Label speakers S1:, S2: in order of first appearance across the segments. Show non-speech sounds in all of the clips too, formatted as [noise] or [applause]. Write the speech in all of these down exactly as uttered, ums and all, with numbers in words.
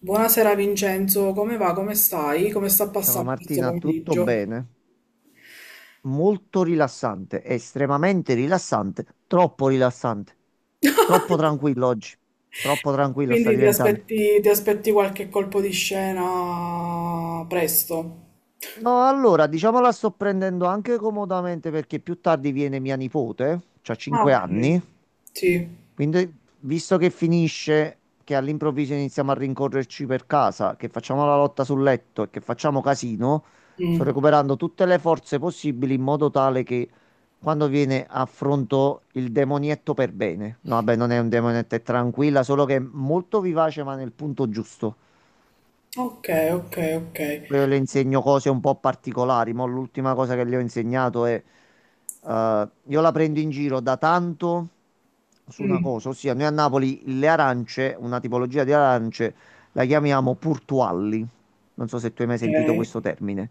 S1: Buonasera Vincenzo, come va? Come stai? Come sta
S2: Ciao
S1: passando questo
S2: Martina, tutto
S1: pomeriggio?
S2: bene? Molto rilassante, estremamente rilassante, troppo rilassante, troppo tranquillo oggi, troppo tranquillo sta
S1: Quindi ti
S2: diventando.
S1: aspetti, ti aspetti qualche colpo di scena presto?
S2: No, allora, diciamo la sto prendendo anche comodamente perché più tardi viene mia nipote, c'ha
S1: Ah,
S2: cinque
S1: ok.
S2: anni,
S1: Sì.
S2: Quindi, visto che finisce, che all'improvviso iniziamo a rincorrerci per casa, che facciamo la lotta sul letto e che facciamo casino, sto
S1: Mm.
S2: recuperando tutte le forze possibili in modo tale che quando viene affronto il demonietto per bene. No, vabbè, non è un demonietto, è tranquilla, solo che è molto vivace, ma nel punto giusto.
S1: Ok, ok, ok.
S2: Poi io le insegno cose un po' particolari, ma l'ultima cosa che le ho insegnato è, eh, io la prendo in giro da tanto su una
S1: Mm,
S2: cosa, ossia noi a Napoli le arance, una tipologia di arance, la chiamiamo purtualli. Non so se tu hai mai sentito
S1: ok.
S2: questo termine.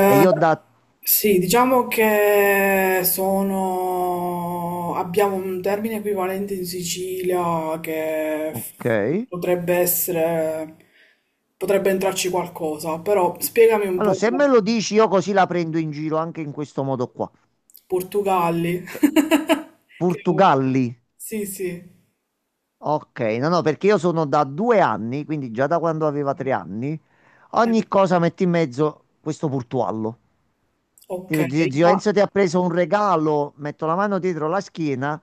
S2: E io da...
S1: sì, diciamo che sono... abbiamo un termine equivalente in Sicilia che f-
S2: Ok.
S1: potrebbe essere... potrebbe entrarci qualcosa, però spiegami un
S2: Allora,
S1: po'.
S2: se me lo dici, io così la prendo in giro anche in questo modo qua.
S1: Portugalli.
S2: Cioè,
S1: [laughs] Che...
S2: Portugalli.
S1: Sì, sì.
S2: Ok, no, no, perché io sono da due anni, quindi già da quando aveva tre anni.
S1: Eh,
S2: Ogni cosa mette in mezzo questo portuallo.
S1: Ok,
S2: Dico, "Zio- zio
S1: ma...
S2: Enzo ti ha preso un regalo, metto la mano dietro la schiena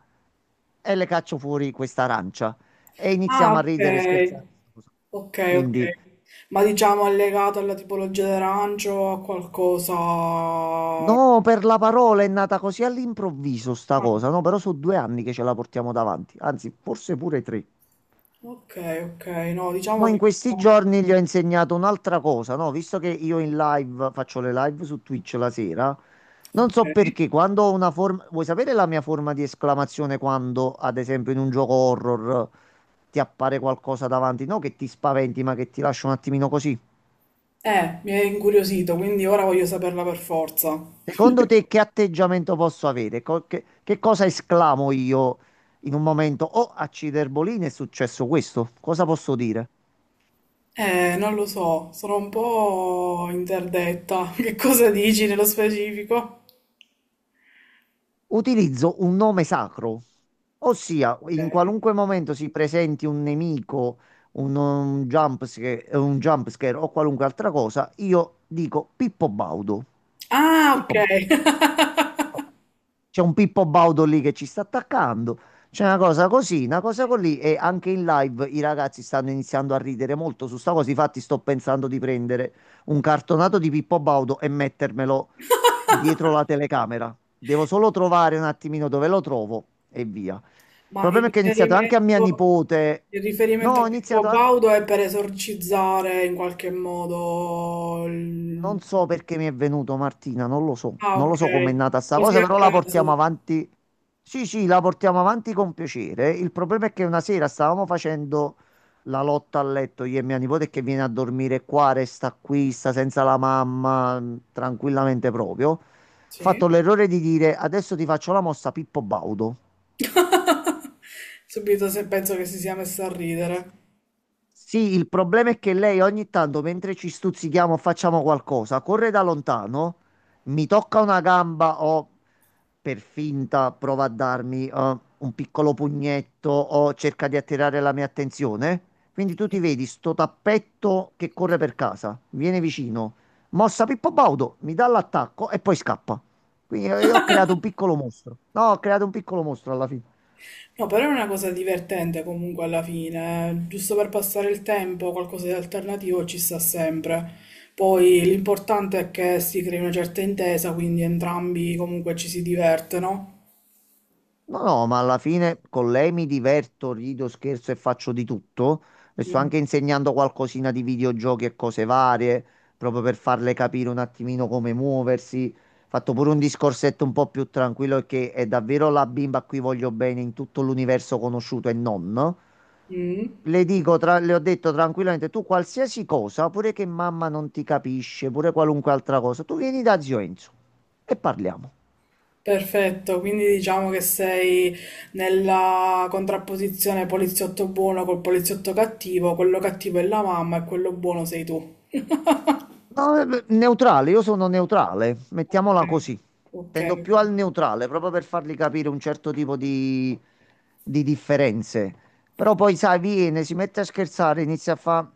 S2: e le caccio fuori questa arancia." E
S1: Ah,
S2: iniziamo a ridere e
S1: ok.
S2: scherzare.
S1: Ok, ok.
S2: Quindi,
S1: Ma diciamo è legato alla tipologia d'arancio o a qualcosa...
S2: no, per la parola è nata così all'improvviso sta
S1: Ah,
S2: cosa, no? Però sono due anni che ce la portiamo davanti, anzi, forse pure tre.
S1: ok, ok, no,
S2: Mo'
S1: diciamo
S2: in
S1: che...
S2: questi giorni gli ho insegnato un'altra cosa, no? Visto che io in live faccio le live su Twitch la sera, non
S1: Ok.
S2: so perché quando ho una forma. Vuoi sapere la mia forma di esclamazione quando, ad esempio, in un gioco horror ti appare qualcosa davanti? No, che ti spaventi, ma che ti lascia un attimino così.
S1: Eh, mi è incuriosito, quindi ora voglio saperla per forza.
S2: Secondo te, che atteggiamento posso avere? Co- che, che cosa esclamo io in un momento? Oh, a Ciderbolini è successo questo. Cosa posso dire?
S1: Eh, non lo so, sono un po' interdetta. [laughs] Che cosa dici nello specifico?
S2: Utilizzo un nome sacro, ossia in
S1: Ok.
S2: qualunque momento si presenti un nemico, un, un jump scare, un jump scare o qualunque altra cosa, io dico Pippo Baudo.
S1: Ah,
S2: Pippo
S1: ok.
S2: Baudo. C'è un Pippo Baudo lì che ci sta attaccando. C'è una cosa così, una cosa così e anche in live i ragazzi stanno iniziando a ridere molto su sta cosa. Infatti sto pensando di prendere un cartonato di Pippo Baudo e mettermelo dietro la telecamera. Devo solo trovare un attimino dove lo trovo e via.
S1: [laughs]
S2: Il
S1: Ma il
S2: problema è che ho iniziato anche a mia
S1: riferimento,
S2: nipote.
S1: il riferimento
S2: No,
S1: a
S2: ho
S1: Pippo
S2: iniziato a-
S1: Baudo è per esorcizzare in qualche modo il...
S2: Non so perché mi è venuto Martina, non lo so,
S1: Ah,
S2: non lo
S1: ok.
S2: so com'è nata sta
S1: Così
S2: cosa,
S1: a
S2: però la portiamo
S1: caso.
S2: avanti. Sì, sì, la portiamo avanti con piacere. Il problema è che una sera stavamo facendo la lotta a letto io e mia nipote che viene a dormire qua, resta qui, sta senza la mamma, mh, tranquillamente proprio. Ho
S1: Sì.
S2: fatto l'errore di dire adesso ti faccio la mossa Pippo Baudo.
S1: [laughs] Subito se penso che si sia messa a ridere.
S2: Sì, il problema è che lei ogni tanto, mentre ci stuzzichiamo, facciamo qualcosa, corre da lontano, mi tocca una gamba o per finta prova a darmi eh, un piccolo pugnetto o cerca di attirare la mia attenzione. Quindi tu
S1: Sì.
S2: ti vedi sto tappetto che corre per casa, viene vicino, mossa Pippo Baudo, mi dà l'attacco e poi scappa. Quindi eh, io ho creato un piccolo mostro. No, ho creato un piccolo mostro alla fine.
S1: No, però è una cosa divertente comunque alla fine, eh. Giusto per passare il tempo, qualcosa di alternativo ci sta sempre. Poi l'importante è che si crei una certa intesa, quindi entrambi comunque ci si diverte, no?
S2: No, no, ma alla fine con lei mi diverto, rido, scherzo e faccio di tutto. Le sto
S1: Mm.
S2: anche insegnando qualcosina di videogiochi e cose varie, proprio per farle capire un attimino come muoversi. Fatto pure un discorsetto un po' più tranquillo perché è davvero la bimba a cui voglio bene in tutto l'universo conosciuto e non.
S1: Mm.
S2: Le dico, tra- le ho detto tranquillamente, tu qualsiasi cosa, pure che mamma non ti capisce, pure qualunque altra cosa, tu vieni da zio Enzo e parliamo.
S1: Perfetto, quindi diciamo che sei nella contrapposizione poliziotto buono col poliziotto cattivo, quello cattivo è la mamma e quello buono sei tu.
S2: No, eh, neutrale, io sono neutrale, mettiamola così.
S1: Ok,
S2: Tendo più
S1: ok.
S2: al neutrale, proprio per fargli capire un certo tipo di, di, differenze. Però poi, sai, viene, si mette a scherzare, inizia a fa...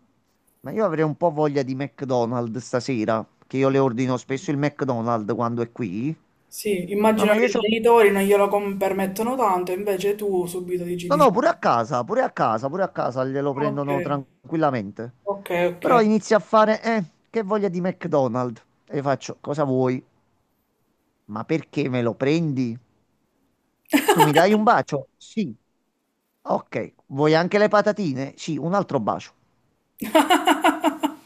S2: Ma io avrei un po' voglia di McDonald's stasera, che io le ordino spesso il McDonald's quando è qui.
S1: Sì,
S2: No,
S1: immagino
S2: ma
S1: che
S2: io
S1: i
S2: c'ho...
S1: genitori non glielo com- permettono tanto, invece tu subito dici
S2: No,
S1: di sì.
S2: no, pure a casa, pure a casa, pure a casa glielo
S1: Ok,
S2: prendono tranquillamente.
S1: ok, ok.
S2: Però inizia a fare, eh, che voglia di McDonald's. E faccio, cosa vuoi? Ma perché me lo prendi? Tu mi dai un bacio? Sì. Ok. Vuoi anche le patatine? Sì, un altro bacio.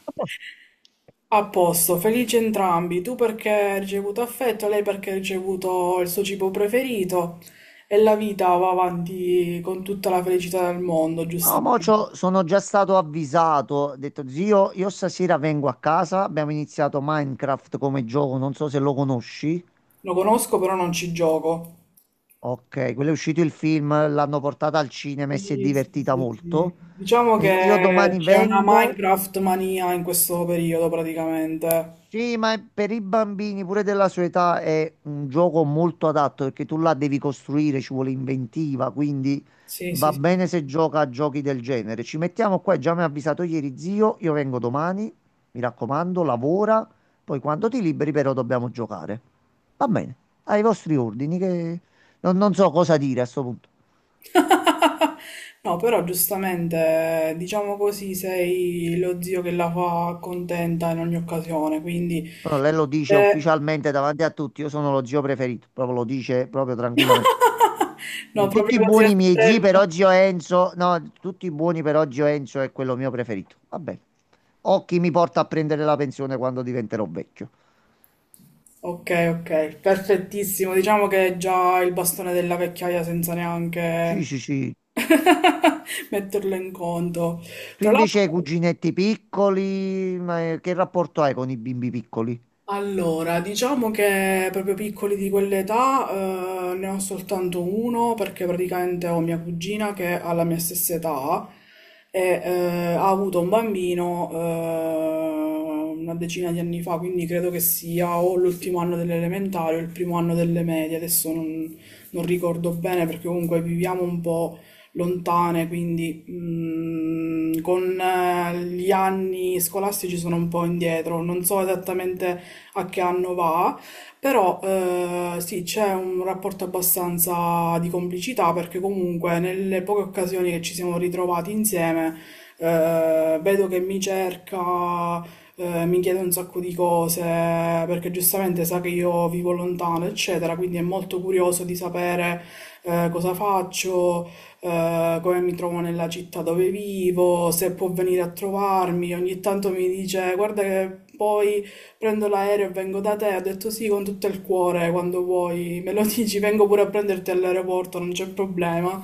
S2: A posto.
S1: A posto, felici entrambi. Tu perché hai ricevuto affetto, lei perché ha ricevuto il suo cibo preferito e la vita va avanti con tutta la felicità del mondo,
S2: No, mo
S1: giustamente.
S2: c'ho- sono già stato avvisato. Ho detto, zio, io stasera vengo a casa. Abbiamo iniziato Minecraft come gioco. Non so se lo conosci.
S1: Lo conosco, però non ci gioco.
S2: Ok, quello è uscito il film, l'hanno portata al cinema e si è
S1: Sì, sì,
S2: divertita
S1: sì, sì.
S2: molto.
S1: Diciamo
S2: Eh, io
S1: che
S2: domani
S1: c'è una
S2: vengo.
S1: Minecraft mania in questo periodo praticamente.
S2: Sì, ma per i bambini pure della sua età è un gioco molto adatto perché tu la devi costruire, ci vuole inventiva, quindi
S1: Sì, sì,
S2: va
S1: sì.
S2: bene se gioca a giochi del genere. Ci mettiamo qua, già mi ha avvisato ieri zio, io vengo domani, mi raccomando, lavora, poi quando ti liberi però dobbiamo giocare. Va bene, ai vostri ordini che non, non so cosa dire a sto punto.
S1: [laughs] No, però giustamente, diciamo così, sei lo zio che la fa contenta in ogni occasione, quindi...
S2: No, lei lo dice
S1: eh,
S2: ufficialmente davanti a tutti, io sono lo zio preferito, proprio lo dice proprio tranquillamente.
S1: [laughs] No,
S2: Con tutti i
S1: proprio così a
S2: buoni miei zii per
S1: stretto.
S2: oggi ho Enzo. No, tutti i buoni per oggi ho Enzo è quello mio preferito. Vabbè. Ho chi mi porta a prendere la pensione quando diventerò vecchio.
S1: Ok, ok, perfettissimo. Diciamo che è già il bastone della vecchiaia senza
S2: Sì,
S1: neanche
S2: sì, sì.
S1: [laughs] metterlo in conto.
S2: Tu
S1: Tra
S2: invece
S1: l'altro...
S2: hai cuginetti piccoli, ma eh, che rapporto hai con i bimbi piccoli?
S1: Allora, diciamo che proprio piccoli di quell'età eh, ne ho soltanto uno perché praticamente ho mia cugina che ha la mia stessa età e eh, ha avuto un bambino eh, una decina di anni fa, quindi credo che sia o l'ultimo anno delle elementari o il primo anno delle medie, adesso non, non ricordo bene perché comunque viviamo un po' lontane, quindi mm, con eh, gli anni scolastici sono un po' indietro, non so esattamente a che anno va, però eh, sì, c'è un rapporto abbastanza di complicità perché comunque nelle poche occasioni che ci siamo ritrovati insieme eh, vedo che mi cerca, eh, mi chiede un sacco di cose perché giustamente sa che io vivo lontano, eccetera, quindi è molto curioso di sapere eh, cosa faccio, eh, come mi trovo nella città dove vivo, se può venire a trovarmi. Ogni tanto mi dice: Guarda, che poi prendo l'aereo e vengo da te, ho detto sì con tutto il cuore, quando vuoi me lo [laughs] dici, vengo pure a prenderti all'aeroporto, non c'è problema.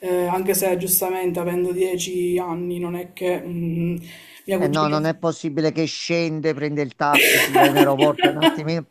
S1: Eh, anche se giustamente avendo dieci anni non è che mm, mia
S2: Eh no,
S1: cugina...
S2: non è possibile che scende, prende il taxi, va in aeroporto un
S1: [laughs]
S2: attimino.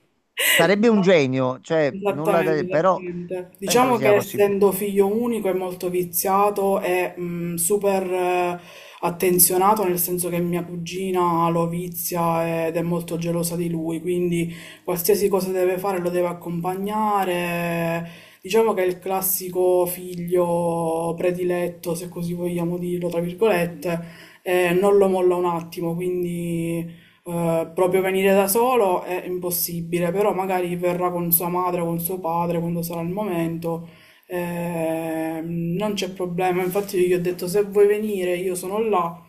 S2: Sarebbe un
S1: No.
S2: genio, cioè nulla da...
S1: Esattamente,
S2: Però
S1: esattamente.
S2: penso
S1: Diciamo
S2: sia
S1: che
S2: possibile.
S1: essendo figlio unico è molto viziato e mh, super eh, attenzionato, nel senso che mia cugina lo vizia ed è molto gelosa di lui, quindi qualsiasi cosa deve fare lo deve accompagnare. Diciamo che è il classico figlio prediletto, se così vogliamo dirlo, tra virgolette, e non lo molla un attimo, quindi eh, proprio venire da solo è impossibile, però magari verrà con sua madre o con suo padre quando sarà il momento. Ehm, non c'è problema. Infatti, io gli ho detto: se vuoi venire, io sono là,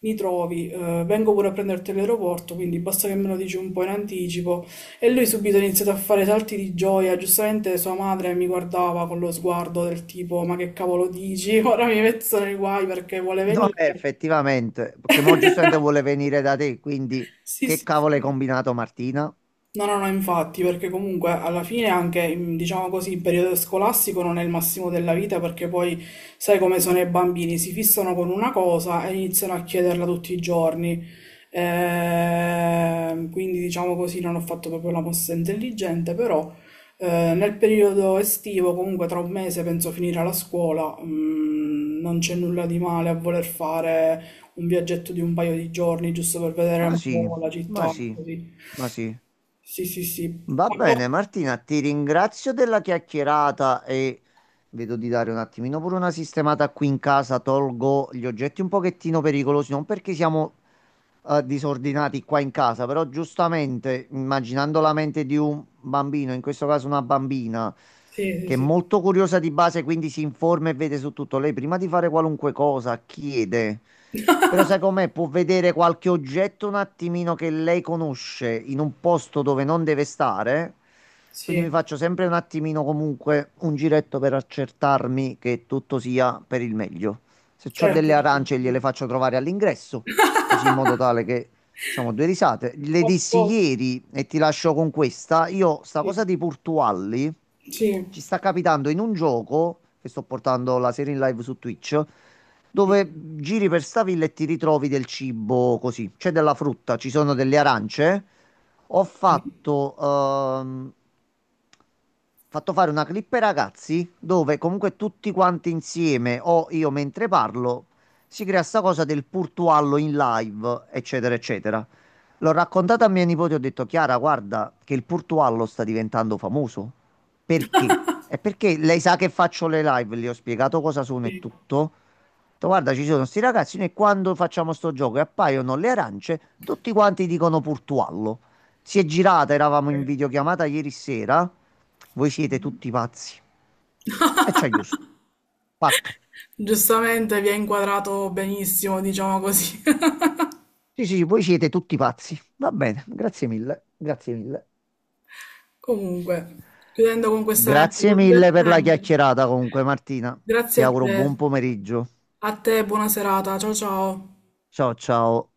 S1: mi trovi, eh, vengo pure a prenderti all'aeroporto. Quindi basta che me lo dici un po' in anticipo. E lui subito ha iniziato a fare salti di gioia. Giustamente sua madre mi guardava con lo sguardo del tipo: Ma che cavolo dici? [laughs] Ora mi metto nei guai perché vuole
S2: No, eh,
S1: venire.
S2: effettivamente, perché mo giustamente vuole venire da te, quindi
S1: Sì,
S2: che
S1: sì,
S2: cavolo hai
S1: sì.
S2: combinato Martina?
S1: No, no, no, infatti, perché comunque alla fine anche, in- diciamo così, il periodo scolastico non è il massimo della vita perché poi sai come sono i bambini, si fissano con una cosa e iniziano a chiederla tutti i giorni. Ehm, quindi diciamo così, non ho fatto proprio la mossa intelligente, però eh, nel periodo estivo, comunque tra un mese penso finire la scuola, mm, non c'è nulla di male a voler fare un viaggetto di un paio di giorni giusto per vedere
S2: Ma
S1: un
S2: sì,
S1: po' la
S2: ma
S1: città,
S2: sì,
S1: così.
S2: ma sì.
S1: Sì, sì, sì.
S2: Va
S1: A par-
S2: bene Martina, ti ringrazio della chiacchierata e vedo di dare un attimino pure una sistemata qui in casa, tolgo gli oggetti un pochettino pericolosi, non perché siamo eh, disordinati qua in casa, però giustamente immaginando la mente di un bambino, in questo caso una bambina,
S1: Sì, sì,
S2: che è
S1: sì,
S2: molto curiosa di base, quindi si informa e vede su tutto, lei prima di fare qualunque cosa chiede. Però sai com'è? Può vedere qualche oggetto un attimino che lei conosce in un posto dove non deve stare. Quindi mi
S1: sì,
S2: faccio sempre un attimino comunque un giretto per accertarmi che tutto sia per il meglio. Se ho
S1: certo,
S2: delle
S1: certo.
S2: arance gliele faccio trovare all'ingresso così in modo tale che diciamo due risate. Le
S1: A
S2: dissi
S1: po-
S2: ieri e ti lascio con questa, io sta cosa
S1: sì,
S2: di Portualli
S1: sì,
S2: ci sta capitando in un gioco che sto portando la serie in live su Twitch
S1: sì,
S2: dove giri per sta villa e ti ritrovi del cibo così, c'è della frutta, ci sono delle arance. Ho
S1: sì,
S2: fatto ehm, fatto fare una clip ai ragazzi dove comunque tutti quanti insieme o io mentre parlo si crea sta cosa del Purtuallo in live, eccetera, eccetera. L'ho raccontata a mia nipote, ho detto, Chiara, guarda che il Purtuallo sta diventando famoso. Perché? È perché lei sa che faccio le live, le ho spiegato cosa sono e
S1: sì.
S2: tutto. Ho detto, guarda, ci sono sti ragazzi, noi quando facciamo sto gioco e appaiono le arance, tutti quanti dicono Purtuallo. Si è girata, eravamo in videochiamata ieri sera, voi siete tutti pazzi. E ci ha chiuso. Fatto.
S1: Giustamente vi ha inquadrato benissimo, diciamo così. [laughs]
S2: Sì, sì, sì, voi siete tutti pazzi. Va bene, grazie mille, grazie mille.
S1: Comunque, chiudendo con questo
S2: Grazie
S1: aneddoto
S2: mille per la
S1: divertente,
S2: chiacchierata comunque, Martina. Ti
S1: grazie a
S2: auguro
S1: te.
S2: buon pomeriggio.
S1: A te, buona serata. Ciao ciao.
S2: Ciao, ciao.